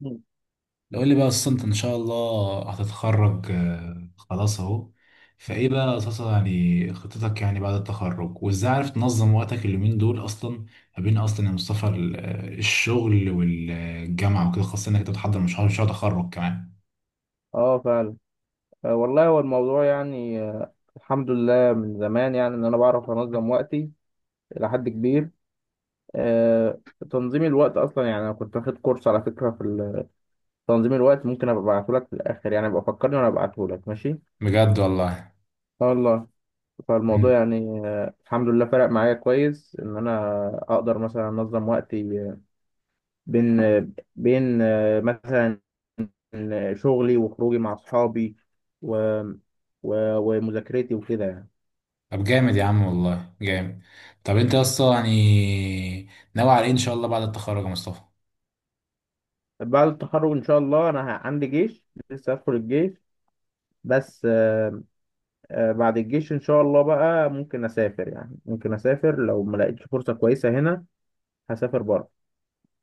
مم. لو قول لي بقى اصلا انت ان شاء الله هتتخرج، خلاص اهو فايه بقى اساسا يعني خطتك، يعني بعد التخرج وازاي عارف تنظم وقتك اليومين دول اصلا ما بين اصلا يا مصطفى الشغل والجامعه وكده، خاصه انك انت بتحضر مشروع تخرج كمان. اه فعلا. والله هو الموضوع يعني الحمد لله، من زمان يعني ان انا بعرف انظم وقتي الى حد كبير. آه، تنظيم الوقت اصلا، يعني انا كنت واخد كورس على فكره في تنظيم الوقت. ممكن ابقى ابعته لك في الاخر، يعني ابقى فكرني وانا ابعته لك، ماشي. بجد والله. آه والله. فالموضوع مم. يعني الحمد لله فرق معايا كويس ان انا اقدر مثلا انظم وقتي، بين آه، بين مثلا شغلي وخروجي مع اصحابي و... ومذاكرتي وكده يعني. طب جامد يا عم والله جامد. طب انت اصلا يعني ناوي على ايه ان شاء الله بعد التخرج يا مصطفى؟ بعد التخرج ان شاء الله انا عندي جيش، لسه هدخل الجيش. بس بعد الجيش ان شاء الله بقى ممكن اسافر، يعني ممكن اسافر لو ما لقيتش فرصة كويسة هنا هسافر بره.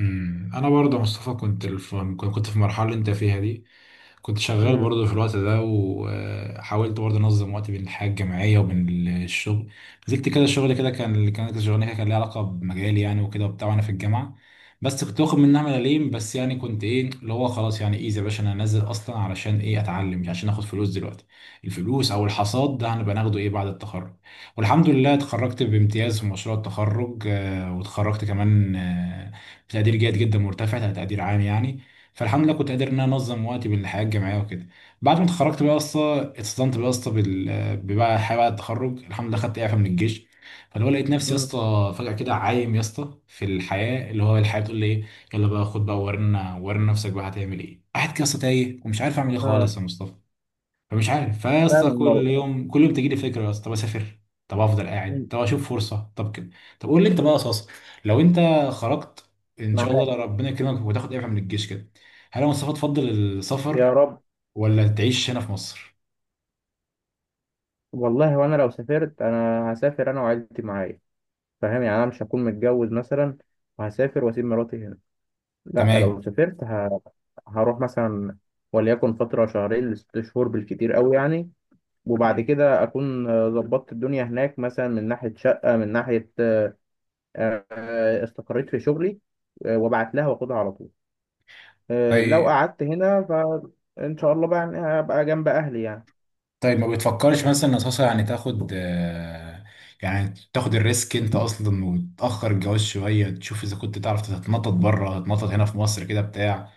انا برضه يا مصطفى كنت كنت في المرحله اللي انت فيها دي، كنت شغال امم. برضه في الوقت ده وحاولت برضه انظم وقتي بين الحياه الجامعيه وبين الشغل. نزلت كده شغل كده، كان اللي كانت شغلانه كده كان ليها علاقه بمجالي يعني وكده وبتاع، وانا في الجامعه. بس كنت واخد منها ملاليم بس، يعني كنت ايه اللي هو خلاص يعني، ايه يا باشا، انا هنزل اصلا علشان ايه؟ اتعلم، مش عشان اخد فلوس دلوقتي. الفلوس او الحصاد ده هنبقى ناخده ايه بعد التخرج. والحمد لله اتخرجت بامتياز في مشروع التخرج، واتخرجت كمان بتقدير جيد جدا مرتفع، تقدير عام يعني. فالحمد لله كنت قادر ان انا انظم وقتي بالحياه الجامعيه وكده. بعد ما اتخرجت بقى يا اسطى، اتصدمت بقى يا اسطى بقى حياه بعد التخرج، الحمد لله خدت اعفاء من الجيش. فاللي هو لقيت نفسي يا امم. اسطى فجاه كده عايم يا اسطى في الحياه، اللي هو الحياه بتقول لي ايه، يلا بقى خد بقى، ورينا ورينا نفسك بقى هتعمل ايه. قاعد كده يا اسطى تايه ومش عارف اعمل ايه اه خالص يا مصطفى. فمش عارف، فيا فعلا اسطى كل الموضوع. يوم كل يوم تجي لي فكره يا اسطى، طب اسافر، طب افضل قاعد، مم. طب اشوف فرصه، طب كده. طب قول لي انت بقى اساسا، لو انت خرجت ان شاء الله، معاك. لو ربنا يكرمك وتاخد اعفاء من الجيش كده، هل يا مصطفى تفضل السفر يا رب. ولا تعيش هنا في مصر؟ والله وانا لو سافرت، انا هسافر انا وعيلتي معايا. فاهم، يعني انا مش هكون متجوز مثلا وهسافر واسيب مراتي هنا. لا، تمام. لو سافرت هروح مثلا، وليكن فترة شهرين 6 شهور بالكتير قوي يعني. وبعد مم. كده اكون ظبطت الدنيا هناك، مثلا من ناحيه شقه، من ناحيه استقريت في شغلي، وابعت لها واخدها على طول. لو طيب. قعدت هنا فان شاء الله بقى، يعني هبقى جنب اهلي يعني. طيب ما بتفكرش مثلا اساسا، يعني تاخد يعني تاخد الريسك انت اصلا وتاخر الجواز شويه، تشوف اذا كنت تعرف تتنطط بره، تتنطط هنا في مصر كده بتاع،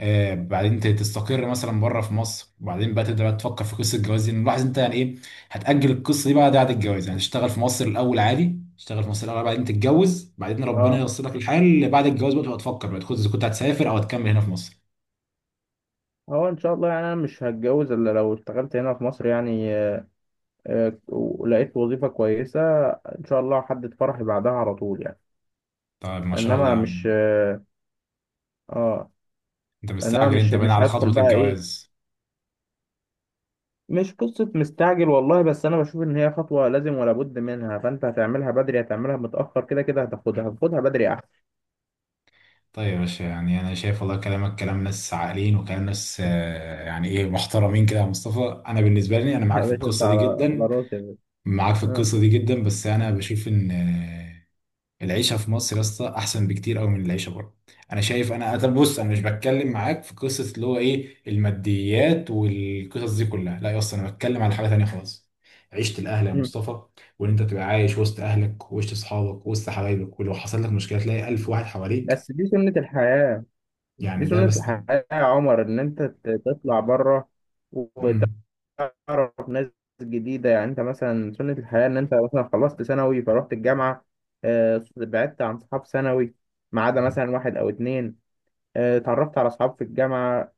بعدين تستقر مثلا بره في مصر، وبعدين بقى تبدا بقى تفكر في قصه الجواز دي، إن لاحظ انت يعني ايه، هتاجل القصه دي بقى بعد الجواز، يعني تشتغل في مصر الاول عادي، تشتغل في مصر الاول بعدين تتجوز، بعدين ربنا اه، ييسر لك الحال اللي بعد الجواز بقى، تبقى تفكر بقى اذا كنت هتسافر او هتكمل هنا في مصر. هو ان شاء الله يعني انا مش هتجوز الا لو اشتغلت هنا في مصر، يعني ولقيت وظيفه كويسه. ان شاء الله هحدد فرحي بعدها على طول يعني. طيب ما شاء الله انما يا مش عم. اه. آه، انت انما مستعجل، مش انت باين مش على هدخل خطوه بقى ايه. الجواز. مش قصة مستعجل والله، بس أنا بشوف إن هي خطوة لازم ولا بد منها، فأنت هتعملها بدري هتعملها متأخر، كده كده هتاخدها بدري أحسن. طيب يا باشا، يعني انا شايف والله كلامك كلام ناس عاقلين وكلام ناس يعني ايه محترمين كده يا مصطفى، انا بالنسبه لي انا معاك يا في باشا، أنت القصه دي على جدا. راسي يا باشا. معاك في آه. القصة دي جدا، بس أنا بشوف إن العيشه في مصر يا اسطى احسن بكتير قوي من العيشه بره. انا شايف انا، طب بص، انا مش بتكلم معاك في قصه اللي هو ايه الماديات والقصص دي كلها، لا يا اسطى انا بتكلم على حاجه تانية خالص، عيشه الاهل يا مم. مصطفى. وان انت تبقى عايش وسط اهلك وسط اصحابك وسط حبايبك، ولو حصل لك مشكله تلاقي الف واحد حواليك. بس دي سنة الحياة. يعني دي ده سنة بس دي. الحياة يا عمر، إن أنت تطلع بره وتعرف مم. ناس جديدة. يعني أنت مثلا سنة الحياة، إن أنت مثلا خلصت ثانوي فرحت الجامعة. بعدت عن صحاب ثانوي ما عدا مثلا واحد أو اتنين. اتعرفت على أصحاب في الجامعة.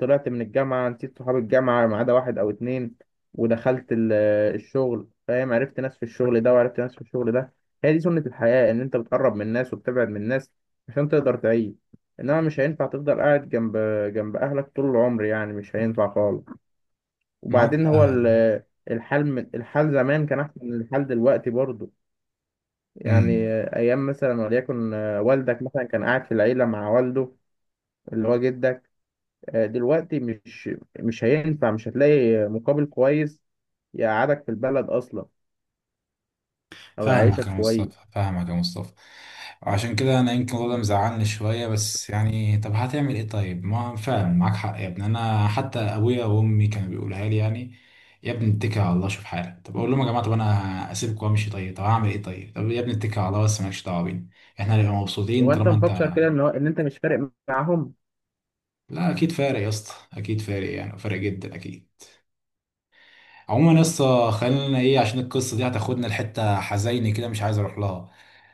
طلعت من الجامعة، نسيت صحاب الجامعة ما عدا واحد أو اتنين. ودخلت الشغل. فاهم، عرفت ناس في الشغل ده وعرفت ناس في الشغل ده. هي دي سنة الحياة، إن أنت بتقرب من الناس وبتبعد من الناس عشان تقدر تعيش. إنما مش هينفع تفضل قاعد جنب أهلك طول العمر، يعني مش هينفع خالص. معاك. وبعدين هو الحال زمان كان أحسن من الحال دلوقتي برضه يعني. مم. أيام مثلا وليكن والدك مثلا كان قاعد في العيلة مع والده اللي هو جدك. دلوقتي مش هينفع، مش هتلاقي مقابل كويس يقعدك في البلد اصلا او فاهمك يعيشك يا مصطفى، كويس. فاهمك يا مصطفى. عشان كده انا يمكن الموضوع مم. ده مزعلني شويه، بس يعني طب هتعمل ايه، طيب ما فعلا معاك حق يا ابني. انا حتى ابويا وامي كانوا بيقولها لي يعني، يا ابني اتكل على الله شوف حالك. طب اقول لهم يا جماعه، طب انا اسيبك وامشي، طيب طب هعمل ايه، طيب طب يا ابني اتكل على الله، بس مالكش دعوه بينا، احنا هنبقى مبسوطين هو انت طالما انت. مفكر كده ان هو ان انت مش فارق معاهم؟ لا اكيد فارق يا اسطى، اكيد فارق يعني، فارق جدا اكيد. عموما يا اسطى خلينا ايه، عشان القصه دي هتاخدنا لحته حزينه كده مش عايز اروح لها.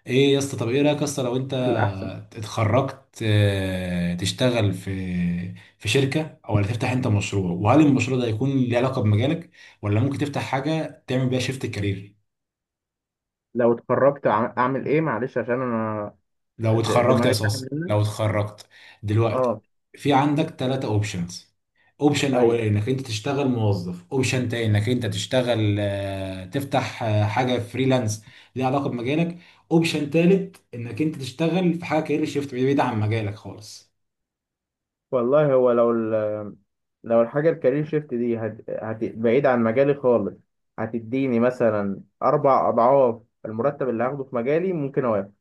ايه يا اسطى، طب ايه رايك يا اسطى، لو انت في الاحسن. اتخرجت تشتغل في شركة او، ولا تفتح انت مشروع، وهل المشروع ده هيكون ليه علاقة بمجالك، ولا ممكن تفتح حاجة تعمل بيها شيفت كارير؟ لو اتخرجت اعمل ايه؟ معلش عشان انا لو اتخرجت يا دماغي ساحب صاص، لو منك. اتخرجت دلوقتي، اه في عندك ثلاثة اوبشنز. اوبشن ايوه. اولاني انك انت تشتغل موظف، اوبشن تاني انك انت تشتغل تفتح حاجة فريلانس ليها علاقة بمجالك، اوبشن تالت انك انت تشتغل في حاجة كارير شيفت بعيد عن مجالك خالص. والله هو لو لو الحاجه الكارير شيفت دي بعيد عن مجالي خالص، هتديني مثلا اربع اضعاف المرتب اللي هاخده في مجالي ممكن اوافق.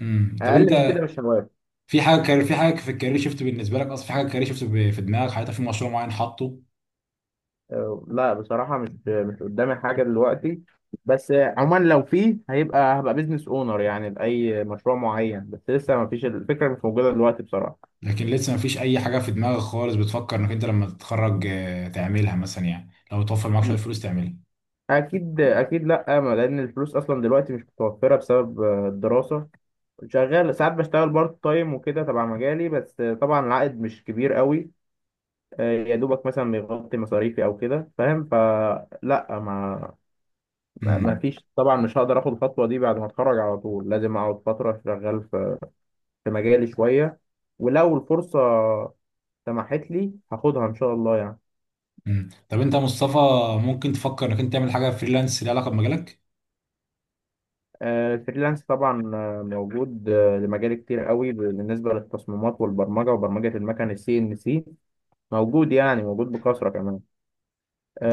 امم. طب اقل من انت كده مش هوافق. في حاجه، كان في حاجه في الكارير شيفت بالنسبه لك اصلا، في حاجه كارير شيفت في دماغك حاططها، في مشروع معين حاطه. لا، بصراحة مش قدامي حاجة دلوقتي. بس عموما لو في، هيبقى هبقى بيزنس اونر يعني لأي مشروع معين، بس لسه ما فيش، الفكرة مش موجودة دلوقتي بصراحة. لكن لسه ما فيش اي حاجه في دماغك خالص بتفكر انك انت لما تتخرج تعملها مثلا، يعني لو توفر معاك شويه فلوس تعملها. أكيد أكيد، لأ، ما لأن الفلوس أصلا دلوقتي مش متوفرة بسبب الدراسة. شغال ساعات بشتغل بارت تايم وكده تبع مجالي، بس طبعا العائد مش كبير قوي، يا دوبك مثلا بيغطي مصاريفي أو كده، فاهم. فلا، ما امم. فيش طبعا، مش هقدر اخد الخطوه دي بعد ما اتخرج على طول، لازم اقعد فتره شغال في مجالي شوية. ولو الفرصة سمحت لي هاخدها إن شاء الله يعني. امم. طب انت يا مصطفى، ممكن تفكر انك انت تعمل حاجه فريلانس ليها علاقه بمجالك؟ الفريلانس طبعا موجود لمجال كتير قوي بالنسبة للتصميمات والبرمجة وبرمجة المكن السي إن سي. موجود يعني موجود بكثرة كمان.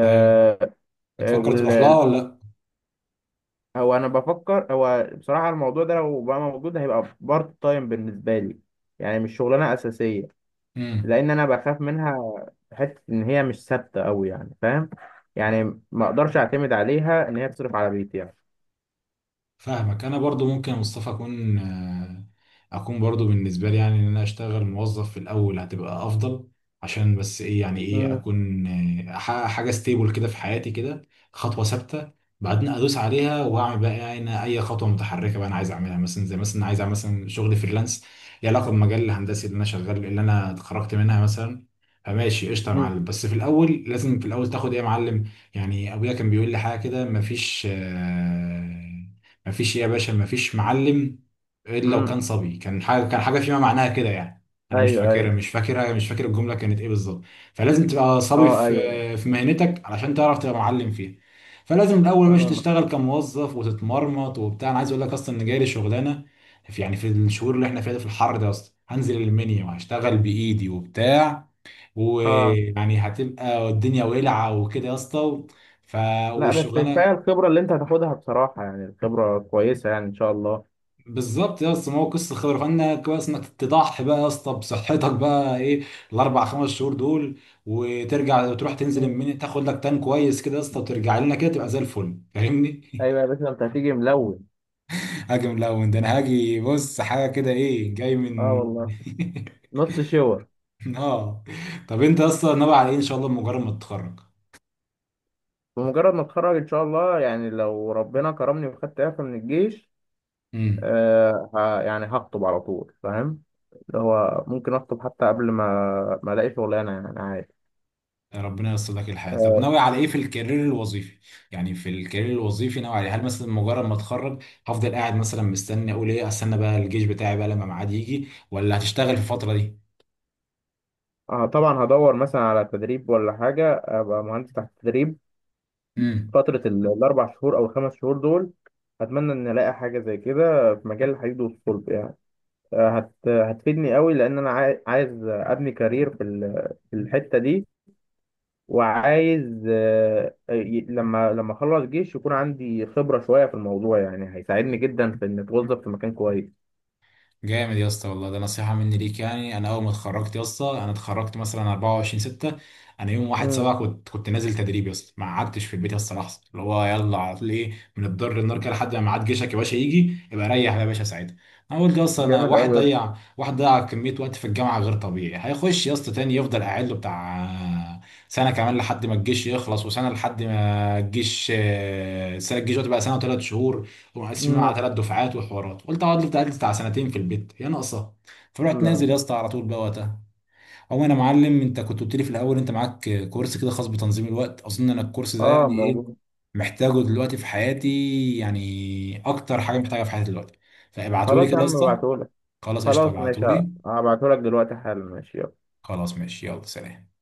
طيب آه، بتفكر تروح لها وال ولا لا؟ أو أنا بفكر. هو بصراحة الموضوع ده لو بقى موجود هيبقى بارت تايم بالنسبة لي، يعني مش شغلانة أساسية، امم. لان انا بخاف منها. حته ان هي مش ثابته قوي يعني، فاهم، يعني ما اقدرش اعتمد عليها ان هي تصرف على بيتي يعني. فاهمك. انا برضو ممكن يا مصطفى اكون اكون برضو بالنسبه لي، يعني ان انا اشتغل موظف في الاول هتبقى افضل، عشان بس ايه، يعني ايه مم. اكون احقق حاجه ستيبل كده في حياتي كده، خطوه ثابته، بعدين ادوس عليها واعمل بقى، يعني أنا اي خطوه متحركه بقى انا عايز اعملها مثلا، زي مثلا عايز اعمل مثلا شغل فريلانس ليه علاقه بالمجال الهندسي اللي انا شغال اللي انا اتخرجت منها مثلا. فماشي قشطه يا مم. معلم، بس في الاول لازم في الاول تاخد ايه يا معلم. يعني ابويا كان بيقول لي حاجه كده، مفيش مفيش يا باشا، مفيش معلم الا لو كان امم. صبي، كان حاجه كان حاجه فيما معناها كده يعني، انا مش ايوه فاكرها، ايوه. مش فاكرها، مش فاكر الجمله كانت ايه بالظبط. فلازم تبقى صبي اه في ايوه. في مهنتك علشان تعرف تبقى معلم فيها. فلازم الاول باش اه تشتغل كموظف وتتمرمط وبتاع، انا عايز اقول لك اصلا ان جاي لي شغلانه في، يعني في الشهور اللي احنا فيها دي في الحر ده اصلا، هنزل المنيا وهشتغل بايدي وبتاع، اه. ويعني هتبقى الدنيا ولعه وكده يا اسطى. ف... لا. بس كفايه والشغلانه الخبره اللي انت هتاخدها بصراحه، يعني الخبره كويسه يعني ان شاء الله. بالظبط يا اسطى، ما هو قصه خبره، فانا كويس انك تضحي بقى يا اسطى بصحتك بقى ايه الاربع خمس شهور دول، وترجع تروح تنزل مم. المنيا تاخد لك تان كويس كده يا اسطى، وترجع لنا كده تبقى زي الفل، فاهمني؟ ايوه يا باشا، انت هتيجي ملون. هاجي من الاول ده، انا هاجي، بص حاجه كده ايه، جاي اه من والله. نص شاور. اه. طب انت يا اسطى ناوي على ايه ان شاء الله مجرد ما تتخرج؟ بمجرد ما اتخرج ان شاء الله، يعني لو ربنا كرمني وخدت اعفاء من الجيش، امم. يعني هخطب على طول، فاهم. اللي هو ممكن اخطب حتى قبل ما الاقي شغلانه يعني، يعني عادي. يعني ربنا ييسر لك الحياة. طب آه، ناوي على ايه في الكارير الوظيفي، يعني في الكارير الوظيفي ناوي على إيه؟ هل مثلا مجرد ما اتخرج هفضل قاعد مثلا مستني، اقول ايه، استنى بقى الجيش بتاعي بقى لما ميعاد يجي، ولا هتشتغل في الفترة دي؟ طبعا هدور مثلا على تدريب ولا حاجه، ابقى مهندس تحت تدريب امم. فتره الاربع شهور او الخمس شهور دول. اتمنى ان الاقي حاجه زي كده في مجال الحديد والصلب يعني، آه، هت هتفيدني قوي لان انا عايز ابني كارير في في الحته دي. وعايز لما اخلص جيش يكون عندي خبرة شوية في الموضوع يعني هيساعدني جدا في ان اتوظف في مكان كويس. جامد يا اسطى والله، ده نصيحة مني ليك يعني. أنا أول ما اتخرجت يا اسطى، أنا اتخرجت مثلا 24 6، أنا يوم 1 امم. 7 كنت نازل تدريب يا اسطى. ما قعدتش في البيت يا اسطى لحظة، اللي هو يلا على طول، إيه من الضر للنار كده لحد ما ميعاد جيشك يا باشا يجي يبقى ريح يا باشا ساعتها. أنا قلت يا اسطى، أنا جامد واحد قوي. ضيع، واحد ضيع كمية وقت في الجامعة غير طبيعي، هيخش يا اسطى تاني يفضل قاعد له بتاع سنة كمان لحد ما الجيش يخلص، وسنة لحد ما الجيش سنة الجيش دلوقتي بقى سنة وثلاث شهور ومقسمين على امم. ثلاث دفعات وحوارات، قلت هقعد لي بتاع سنتين في البيت هي ناقصه. فرحت نازل يا لا. اسطى على طول بقى وقتها. او انا معلم، انت كنت قلت لي في الاول انت معاك كورس كده خاص بتنظيم الوقت، اظن انا الكورس ده اه يعني ايه موجود. محتاجه دلوقتي في حياتي، يعني اكتر حاجه محتاجها في حياتي دلوقتي، فابعتولي خلاص يا كده يا عم، اسطى. ابعتهولك. خلاص قشطه خلاص ماشي. ابعتولي. هبعتهولك دلوقتي حالا، ماشي، يلا. خلاص ماشي، يلا سلام.